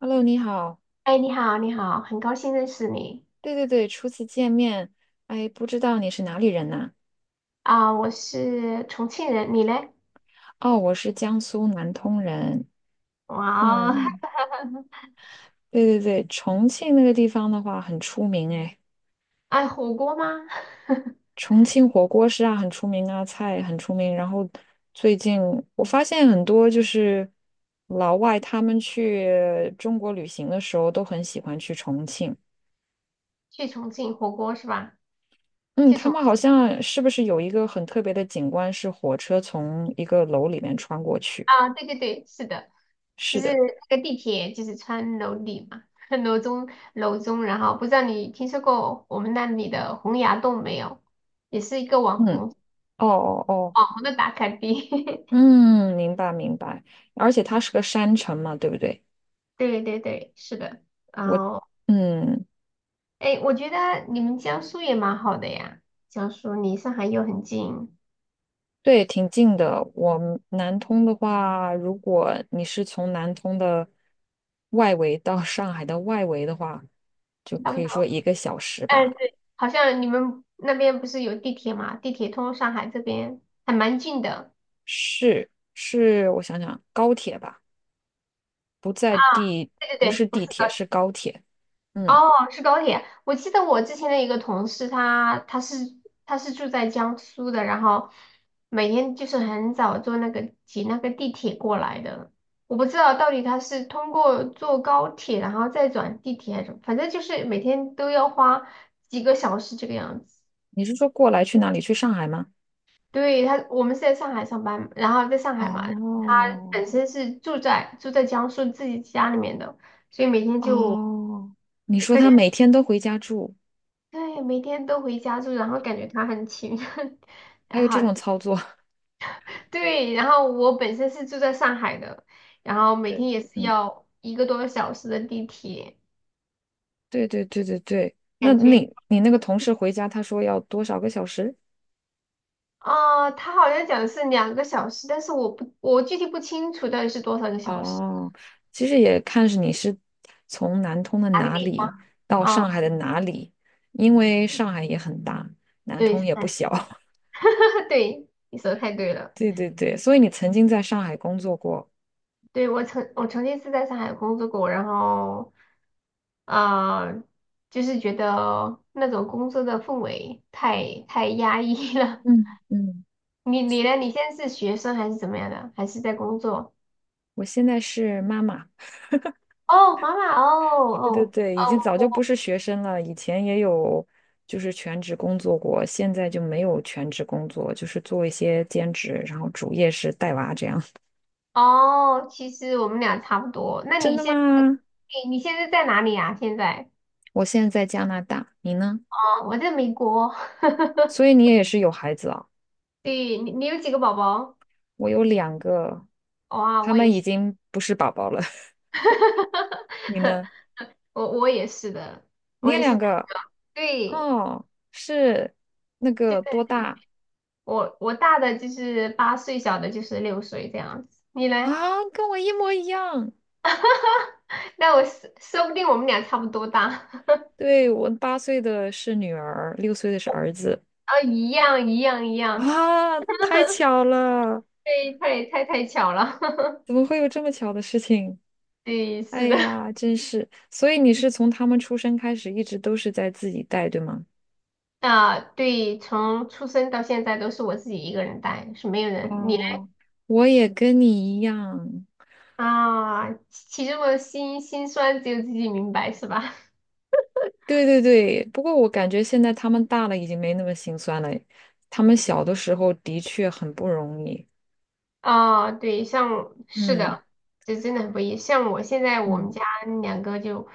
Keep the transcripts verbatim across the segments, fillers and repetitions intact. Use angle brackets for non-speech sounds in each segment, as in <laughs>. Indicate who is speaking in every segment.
Speaker 1: Hello，你好。
Speaker 2: 哎，你好，你好，很高兴认识你。
Speaker 1: 对对对，初次见面，哎，不知道你是哪里人呐？
Speaker 2: 啊，我是重庆人，你嘞？
Speaker 1: 哦，我是江苏南通人。
Speaker 2: 哇哦，
Speaker 1: 嗯，
Speaker 2: <laughs>
Speaker 1: 对对对，重庆那个地方的话很出名哎，
Speaker 2: 爱火锅吗？<laughs>
Speaker 1: 重庆火锅是啊很出名啊，菜很出名。然后最近我发现很多就是老外他们去中国旅行的时候都很喜欢去重庆。
Speaker 2: 去重庆火锅是吧？
Speaker 1: 嗯，
Speaker 2: 去
Speaker 1: 他
Speaker 2: 重
Speaker 1: 们好像是不是有一个很特别的景观是火车从一个楼里面穿过去？
Speaker 2: 啊，对对对，是的。就
Speaker 1: 是
Speaker 2: 是
Speaker 1: 的。
Speaker 2: 那个地铁就是穿楼底嘛，<laughs> 楼中楼中，然后不知道你听说过我们那里的洪崖洞没有？也是一个网
Speaker 1: 嗯。
Speaker 2: 红
Speaker 1: 哦哦哦，
Speaker 2: 网红的打卡地。<laughs>
Speaker 1: 嗯，明白明白，而且它是个山城嘛，对不对？
Speaker 2: 对对对，是的。然
Speaker 1: 我，
Speaker 2: 后
Speaker 1: 嗯，
Speaker 2: 哎，我觉得你们江苏也蛮好的呀，江苏离上海又很近。
Speaker 1: 对，挺近的。我们南通的话，如果你是从南通的外围到上海的外围的话，就
Speaker 2: 差不
Speaker 1: 可以说
Speaker 2: 多。
Speaker 1: 一个小时
Speaker 2: 哎，
Speaker 1: 吧。
Speaker 2: 对，好像你们那边不是有地铁嘛？地铁通上海这边还蛮近的。
Speaker 1: 是是，我想想，高铁吧，不在
Speaker 2: 啊。
Speaker 1: 地，
Speaker 2: 对对
Speaker 1: 不
Speaker 2: 对，
Speaker 1: 是
Speaker 2: 不
Speaker 1: 地
Speaker 2: 是高
Speaker 1: 铁，
Speaker 2: 铁，
Speaker 1: 是高铁。嗯，
Speaker 2: 哦，是高铁。我记得我之前的一个同事他，他是他是住在江苏的，然后每天就是很早坐那个挤那个地铁过来的。我不知道到底他是通过坐高铁，然后再转地铁还是什么，反正就是每天都要花几个小时这个样子。
Speaker 1: 你是说过来去哪里？去上海吗？
Speaker 2: 对，他，我们是在上海上班，然后在上海嘛，
Speaker 1: 哦，
Speaker 2: 本身是住在住在江苏自己家里面的，所以每天就
Speaker 1: 哦，你说
Speaker 2: 感
Speaker 1: 他
Speaker 2: 觉
Speaker 1: 每天都回家住，
Speaker 2: 对，每天都回家住，然后感觉他很勤，<laughs>
Speaker 1: 还
Speaker 2: 然
Speaker 1: 有这
Speaker 2: 后
Speaker 1: 种操作？<laughs>
Speaker 2: 对，然后我本身是住在上海的，然后每天也是
Speaker 1: 嗯，
Speaker 2: 要一个多小时的地铁，
Speaker 1: 对对对对对。那
Speaker 2: 感觉
Speaker 1: 你你那个同事回家，他说要多少个小时？
Speaker 2: 啊，他好像讲的是两个小时，但是我不我具体不清楚到底是多少个小时，
Speaker 1: 哦，其实也看是你是从南通的
Speaker 2: 哪个
Speaker 1: 哪
Speaker 2: 地方
Speaker 1: 里到
Speaker 2: 啊？
Speaker 1: 上海的哪里，因为上海也很大，南
Speaker 2: 对，
Speaker 1: 通
Speaker 2: 是
Speaker 1: 也不
Speaker 2: 三十
Speaker 1: 小。<laughs>
Speaker 2: <laughs> 对，你说的太对了。
Speaker 1: 对对对，所以你曾经在上海工作过。
Speaker 2: 对，我曾我曾经是在上海工作过，然后，呃，就是觉得那种工作的氛围太太压抑了。
Speaker 1: 嗯嗯，
Speaker 2: <laughs> 你你呢？你现在是学生还是怎么样的？还是在工作？
Speaker 1: 我现在是妈妈。
Speaker 2: 哦，妈妈，哦
Speaker 1: 对对
Speaker 2: 哦
Speaker 1: 对，已经早就不是学生了，以前也有就是全职工作过，现在就没有全职工作，就是做一些兼职，然后主业是带娃这样。<laughs>
Speaker 2: 哦哦，其实我们俩差不多。那
Speaker 1: 真
Speaker 2: 你
Speaker 1: 的
Speaker 2: 现在，
Speaker 1: 吗？
Speaker 2: 你你现在在哪里啊？现在？
Speaker 1: 我现在在加拿大，你呢？
Speaker 2: 哦，我在美国。<laughs>
Speaker 1: 所以你也是有孩子啊？
Speaker 2: 对，你你有几个宝宝？
Speaker 1: 我有两个，
Speaker 2: 哇，
Speaker 1: 他
Speaker 2: 我
Speaker 1: 们
Speaker 2: 也
Speaker 1: 已
Speaker 2: 是，
Speaker 1: 经不是宝宝了。<laughs> 你
Speaker 2: <laughs>
Speaker 1: 呢？
Speaker 2: 我我也是的，
Speaker 1: 你
Speaker 2: 我
Speaker 1: 也
Speaker 2: 也是。
Speaker 1: 两个？
Speaker 2: 对，
Speaker 1: 哦，是那
Speaker 2: 就
Speaker 1: 个
Speaker 2: 是
Speaker 1: 多大
Speaker 2: 我我大的就是八岁，小的就是六岁这样子。你呢？
Speaker 1: 啊？跟我一模一样。
Speaker 2: 那我说说不定我们俩差不多大，<laughs>
Speaker 1: 对，我八岁的是女儿，六岁的是儿子。
Speaker 2: 啊，一样一样一样。
Speaker 1: 啊，太巧了！
Speaker 2: 对，太太太巧了。<laughs>
Speaker 1: 怎么会有这么巧的事情？
Speaker 2: 对，是
Speaker 1: 哎
Speaker 2: 的，
Speaker 1: 呀，真是。所以你是从他们出生开始，一直都是在自己带，对吗？
Speaker 2: 啊，对，从出生到现在都是我自己一个人带，是没有人。你呢？
Speaker 1: 哦，我也跟你一样。
Speaker 2: 啊，其中的辛辛酸只有自己明白，是吧？
Speaker 1: 对对对，不过我感觉现在他们大了，已经没那么心酸了。他们小的时候的确很不容易。
Speaker 2: 啊，对，像是
Speaker 1: 嗯
Speaker 2: 的，这真的很不易。像我现在我们
Speaker 1: 嗯，
Speaker 2: 家两个就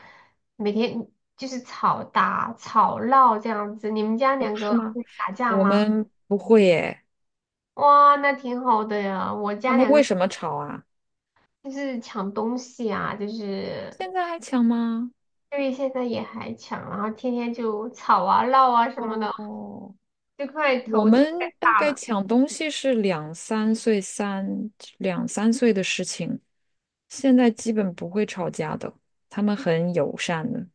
Speaker 2: 每天就是吵打、吵闹这样子。你们家
Speaker 1: 哦，
Speaker 2: 两
Speaker 1: 是
Speaker 2: 个
Speaker 1: 吗？
Speaker 2: 会打架
Speaker 1: 我
Speaker 2: 吗？
Speaker 1: 们不会耶。
Speaker 2: 哇，那挺好的呀。我
Speaker 1: 他
Speaker 2: 家
Speaker 1: 们
Speaker 2: 两
Speaker 1: 为
Speaker 2: 个
Speaker 1: 什么吵啊？
Speaker 2: 就是抢东西啊，就是
Speaker 1: 现在还抢吗？
Speaker 2: 因为现在也还抢，然后天天就吵啊、闹啊什么的，
Speaker 1: 哦。
Speaker 2: 就快
Speaker 1: 我
Speaker 2: 头
Speaker 1: 们
Speaker 2: 就快
Speaker 1: 大
Speaker 2: 大
Speaker 1: 概
Speaker 2: 了。
Speaker 1: 抢东西是两三岁三两三岁的事情，现在基本不会吵架的，他们很友善的，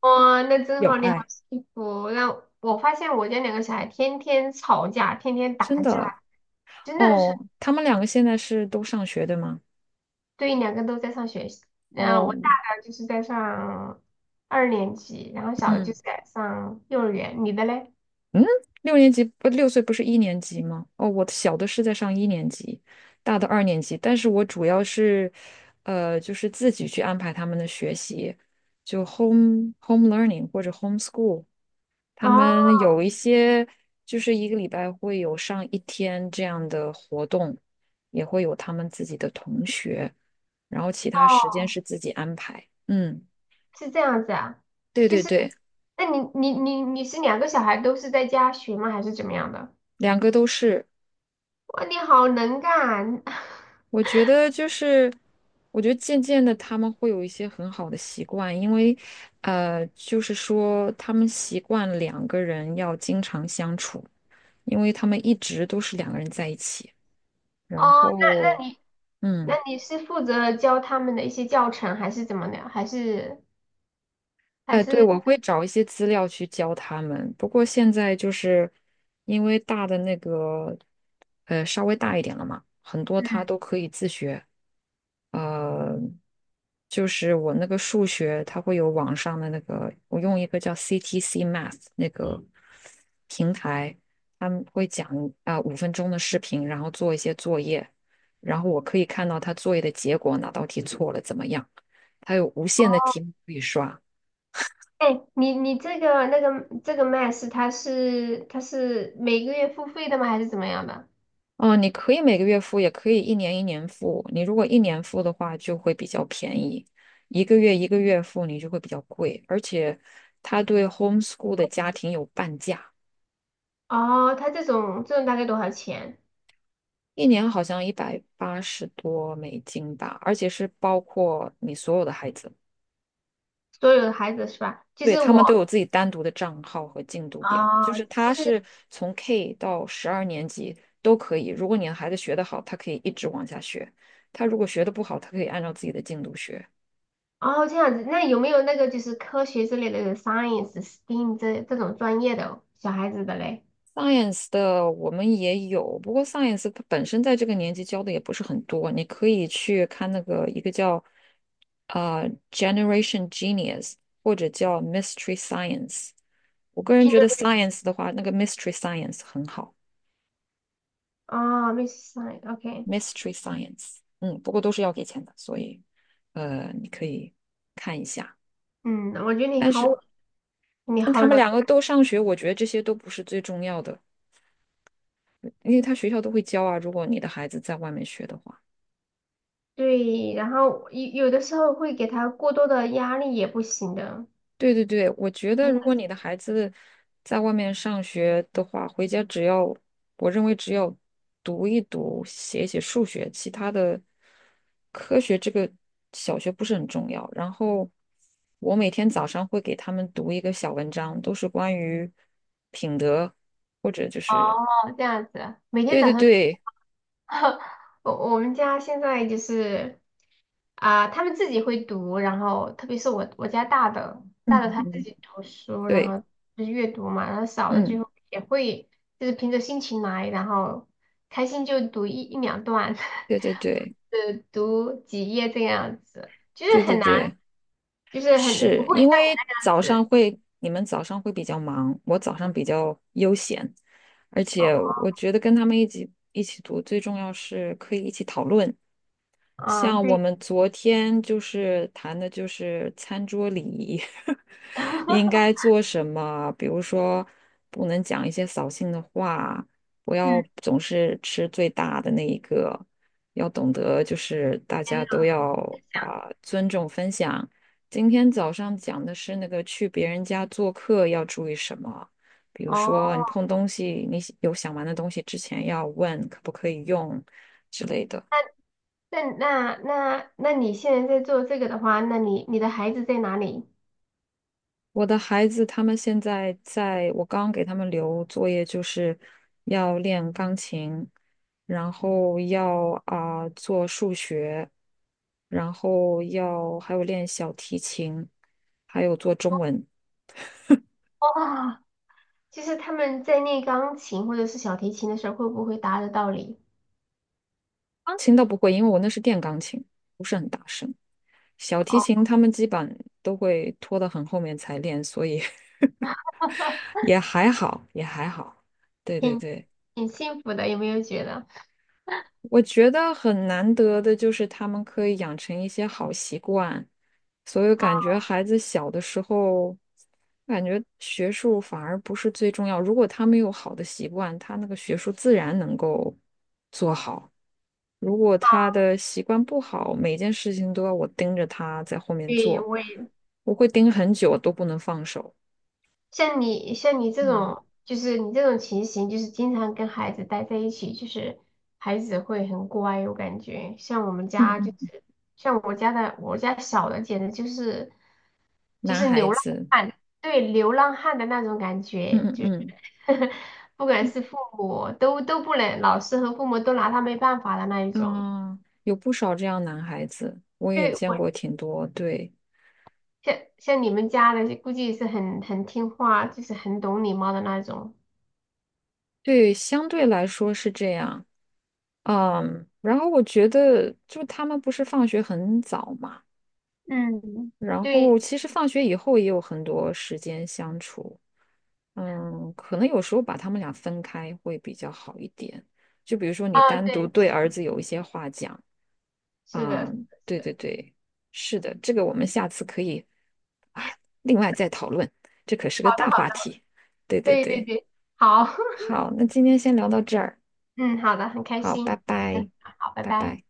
Speaker 2: 哇，那真
Speaker 1: 有
Speaker 2: 好，你好
Speaker 1: 爱，
Speaker 2: 幸福。那我发现我家两个小孩天天吵架，天天
Speaker 1: 真
Speaker 2: 打架。
Speaker 1: 的。
Speaker 2: 真的是。
Speaker 1: 哦，他们两个现在是都上学的吗？
Speaker 2: 对，两个都在上学习。那我大
Speaker 1: 哦，
Speaker 2: 的就是在上二年级，然后小的就
Speaker 1: 嗯
Speaker 2: 是在上幼儿园。你的嘞？
Speaker 1: 嗯，六年级不六岁不是一年级吗？哦，我的小的是在上一年级，大的二年级，但是我主要是，呃，就是自己去安排他们的学习，就 home home learning 或者 homeschool。他
Speaker 2: 哦，
Speaker 1: 们有一些就是一个礼拜会有上一天这样的活动，也会有他们自己的同学，然后其他时间是自己安排。嗯，
Speaker 2: 是这样子啊，
Speaker 1: 对
Speaker 2: 就
Speaker 1: 对
Speaker 2: 是，
Speaker 1: 对，
Speaker 2: 那你你你你是两个小孩都是在家学吗？还是怎么样的？
Speaker 1: 两个都是。
Speaker 2: 哇，你好能干 <laughs>
Speaker 1: 我觉得就是，我觉得渐渐的他们会有一些很好的习惯，因为呃，就是说他们习惯两个人要经常相处，因为他们一直都是两个人在一起，然
Speaker 2: 哦！
Speaker 1: 后
Speaker 2: 那你那
Speaker 1: 嗯。
Speaker 2: 你是负责教他们的一些教程，还是怎么的？还是还
Speaker 1: 哎，对，
Speaker 2: 是
Speaker 1: 我会找一些资料去教他们。不过现在就是因为大的那个，呃，稍微大一点了嘛，很多他
Speaker 2: 嗯，
Speaker 1: 都可以自学。呃，就是我那个数学，它会有网上的那个，我用一个叫 C T C Math 那个平台，他们会讲啊五分钟的视频，然后做一些作业，然后我可以看到他作业的结果，哪道题错了怎么样，他有无限的题
Speaker 2: 哦，
Speaker 1: 目可以刷。
Speaker 2: 哎，你你这个那个这个 Max 它是它是每个月付费的吗？还是怎么样的？
Speaker 1: 嗯，你可以每个月付，也可以一年一年付。你如果一年付的话，就会比较便宜；一个月一个月付，你就会比较贵。而且，他对 homeschool 的家庭有半价，
Speaker 2: 哦，它这种这种大概多少钱？
Speaker 1: 一年好像一百八十多美金吧，而且是包括你所有的孩子，
Speaker 2: 所有的孩子是吧？就
Speaker 1: 对，
Speaker 2: 是
Speaker 1: 他
Speaker 2: 我
Speaker 1: 们都有自己单独的账号和进度表，就
Speaker 2: 啊，
Speaker 1: 是
Speaker 2: 就
Speaker 1: 他
Speaker 2: 是
Speaker 1: 是从 K 到十二年级都可以。如果你的孩子学得好，他可以一直往下学；他如果学得不好，他可以按照自己的进度学。
Speaker 2: 哦这样子。那有没有那个就是科学之类的有 science、s t e m 这这种专业的小孩子的嘞？
Speaker 1: Science 的我们也有，不过 Science 它本身在这个年级教的也不是很多，你可以去看那个一个叫呃 Generation Genius 或者叫 Mystery Science。我个人
Speaker 2: 军
Speaker 1: 觉
Speaker 2: 人
Speaker 1: 得 Science 的话，那个 Mystery Science 很好
Speaker 2: 啊 m i s s Science，OK，
Speaker 1: ，Mystery Science，嗯，不过都是要给钱的，所以呃，你可以看一下。
Speaker 2: 嗯，我觉得你
Speaker 1: 但
Speaker 2: 好，
Speaker 1: 是
Speaker 2: 你
Speaker 1: 但他
Speaker 2: 好
Speaker 1: 们
Speaker 2: 能
Speaker 1: 两个都上学，我觉得这些都不是最重要的，因为他学校都会教啊，如果你的孩子在外面学的话。
Speaker 2: 对，然后有有的时候会给他过多的压力也不行的。
Speaker 1: 对对对，我觉得
Speaker 2: 你
Speaker 1: 如果你的孩子在外面上学的话，回家只要我认为只要读一读、写一写数学，其他的科学这个小学不是很重要。然后我每天早上会给他们读一个小文章，都是关于品德或者就是
Speaker 2: 好，这样子，每天
Speaker 1: 对
Speaker 2: 早
Speaker 1: 对
Speaker 2: 上。
Speaker 1: 对，
Speaker 2: <laughs> 我我们家现在就是啊、他们自己会读，然后特别是我我家大的
Speaker 1: 嗯
Speaker 2: 大的他自
Speaker 1: 嗯，
Speaker 2: 己读书，然
Speaker 1: 对，
Speaker 2: 后就是阅读嘛，然后小的
Speaker 1: 嗯，
Speaker 2: 就也会就是凭着心情来，然后开心就读一一两段，
Speaker 1: 对对对
Speaker 2: <laughs> 呃，读几页这样子，就
Speaker 1: 对
Speaker 2: 是
Speaker 1: 对
Speaker 2: 很难，
Speaker 1: 对。
Speaker 2: 就是很不
Speaker 1: 是
Speaker 2: 会
Speaker 1: 因
Speaker 2: 像你
Speaker 1: 为
Speaker 2: 那样
Speaker 1: 早上
Speaker 2: 子。
Speaker 1: 会，你们早上会比较忙，我早上比较悠闲，而
Speaker 2: 哦，
Speaker 1: 且我觉得跟他们一起一起读，最重要是可以一起讨论，
Speaker 2: 啊，
Speaker 1: 像我
Speaker 2: 对，
Speaker 1: 们昨天就是谈的，就是餐桌礼仪，<laughs> 应该
Speaker 2: <laughs>
Speaker 1: 做什么？比如说，不能讲一些扫兴的话，不要
Speaker 2: 嗯，
Speaker 1: 总是吃最大的那一个，要懂得就是大
Speaker 2: 天
Speaker 1: 家都
Speaker 2: 呐，
Speaker 1: 要啊、尊重分享。今天早上讲的是那个去别人家做客要注意什么，比如说
Speaker 2: 哦。
Speaker 1: 你碰东西，你有想玩的东西之前要问可不可以用之类的。
Speaker 2: 那那那那你现在在做这个的话，那你你的孩子在哪里？
Speaker 1: 我的孩子他们现在在，我刚给他们留作业，就是要练钢琴，然后要啊、做数学，然后要还有练小提琴，还有做中文。
Speaker 2: 哇，就是他们在练钢琴或者是小提琴的时候，会不会打得到你？
Speaker 1: 钢琴倒不会，因为我那是电钢琴，不是很大声。小提琴
Speaker 2: 哦，
Speaker 1: 他们基本都会拖得很后面才练，所以 <laughs> 也还好，也还好。对对
Speaker 2: 挺
Speaker 1: 对。
Speaker 2: 挺幸福的，有没有觉得？
Speaker 1: 我觉得很难得的就是他们可以养成一些好习惯，所以感觉孩子小的时候，感觉学术反而不是最重要。如果他没有好的习惯，他那个学术自然能够做好。如果他的习惯不好，每件事情都要我盯着他在后面
Speaker 2: 对，
Speaker 1: 做，
Speaker 2: 我也
Speaker 1: 我会盯很久都不能放手。
Speaker 2: 像你像你这
Speaker 1: 嗯
Speaker 2: 种，就是你这种情形，就是经常跟孩子待在一起，就是孩子会很乖，我感觉。像我们
Speaker 1: 嗯
Speaker 2: 家就
Speaker 1: 嗯，
Speaker 2: 是，像我家的，我家小的简直就是就
Speaker 1: 男
Speaker 2: 是
Speaker 1: 孩
Speaker 2: 流浪。
Speaker 1: 子，
Speaker 2: 对，流浪汉的那种感
Speaker 1: 嗯
Speaker 2: 觉，
Speaker 1: 嗯
Speaker 2: 就是
Speaker 1: 嗯。
Speaker 2: <laughs> 不管是父母都都不能，老师和父母都拿他没办法的那一种。
Speaker 1: 嗯，有不少这样男孩子，我也
Speaker 2: 对，
Speaker 1: 见
Speaker 2: 我
Speaker 1: 过挺多。对
Speaker 2: 像像你们家的，估计是很很听话，就是很懂礼貌的那种。
Speaker 1: 对，相对来说是这样。嗯，然后我觉得，就他们不是放学很早嘛，
Speaker 2: 嗯，
Speaker 1: 然
Speaker 2: 对，
Speaker 1: 后其实放学以后也有很多时间相处。嗯，可能有时候把他们俩分开会比较好一点。就比如说，你
Speaker 2: 啊，
Speaker 1: 单
Speaker 2: 对，
Speaker 1: 独对儿子有一些话讲，
Speaker 2: 是
Speaker 1: 啊，
Speaker 2: 的，
Speaker 1: 对对对，是的，这个我们下次可以啊，另外再讨论，这可是个大话题。对对
Speaker 2: 对对
Speaker 1: 对，
Speaker 2: 对，好，
Speaker 1: 好，那今天先聊到这儿，
Speaker 2: <laughs> 嗯，好的，很开
Speaker 1: 好，拜
Speaker 2: 心，嗯，
Speaker 1: 拜，
Speaker 2: 好，拜
Speaker 1: 拜
Speaker 2: 拜。
Speaker 1: 拜。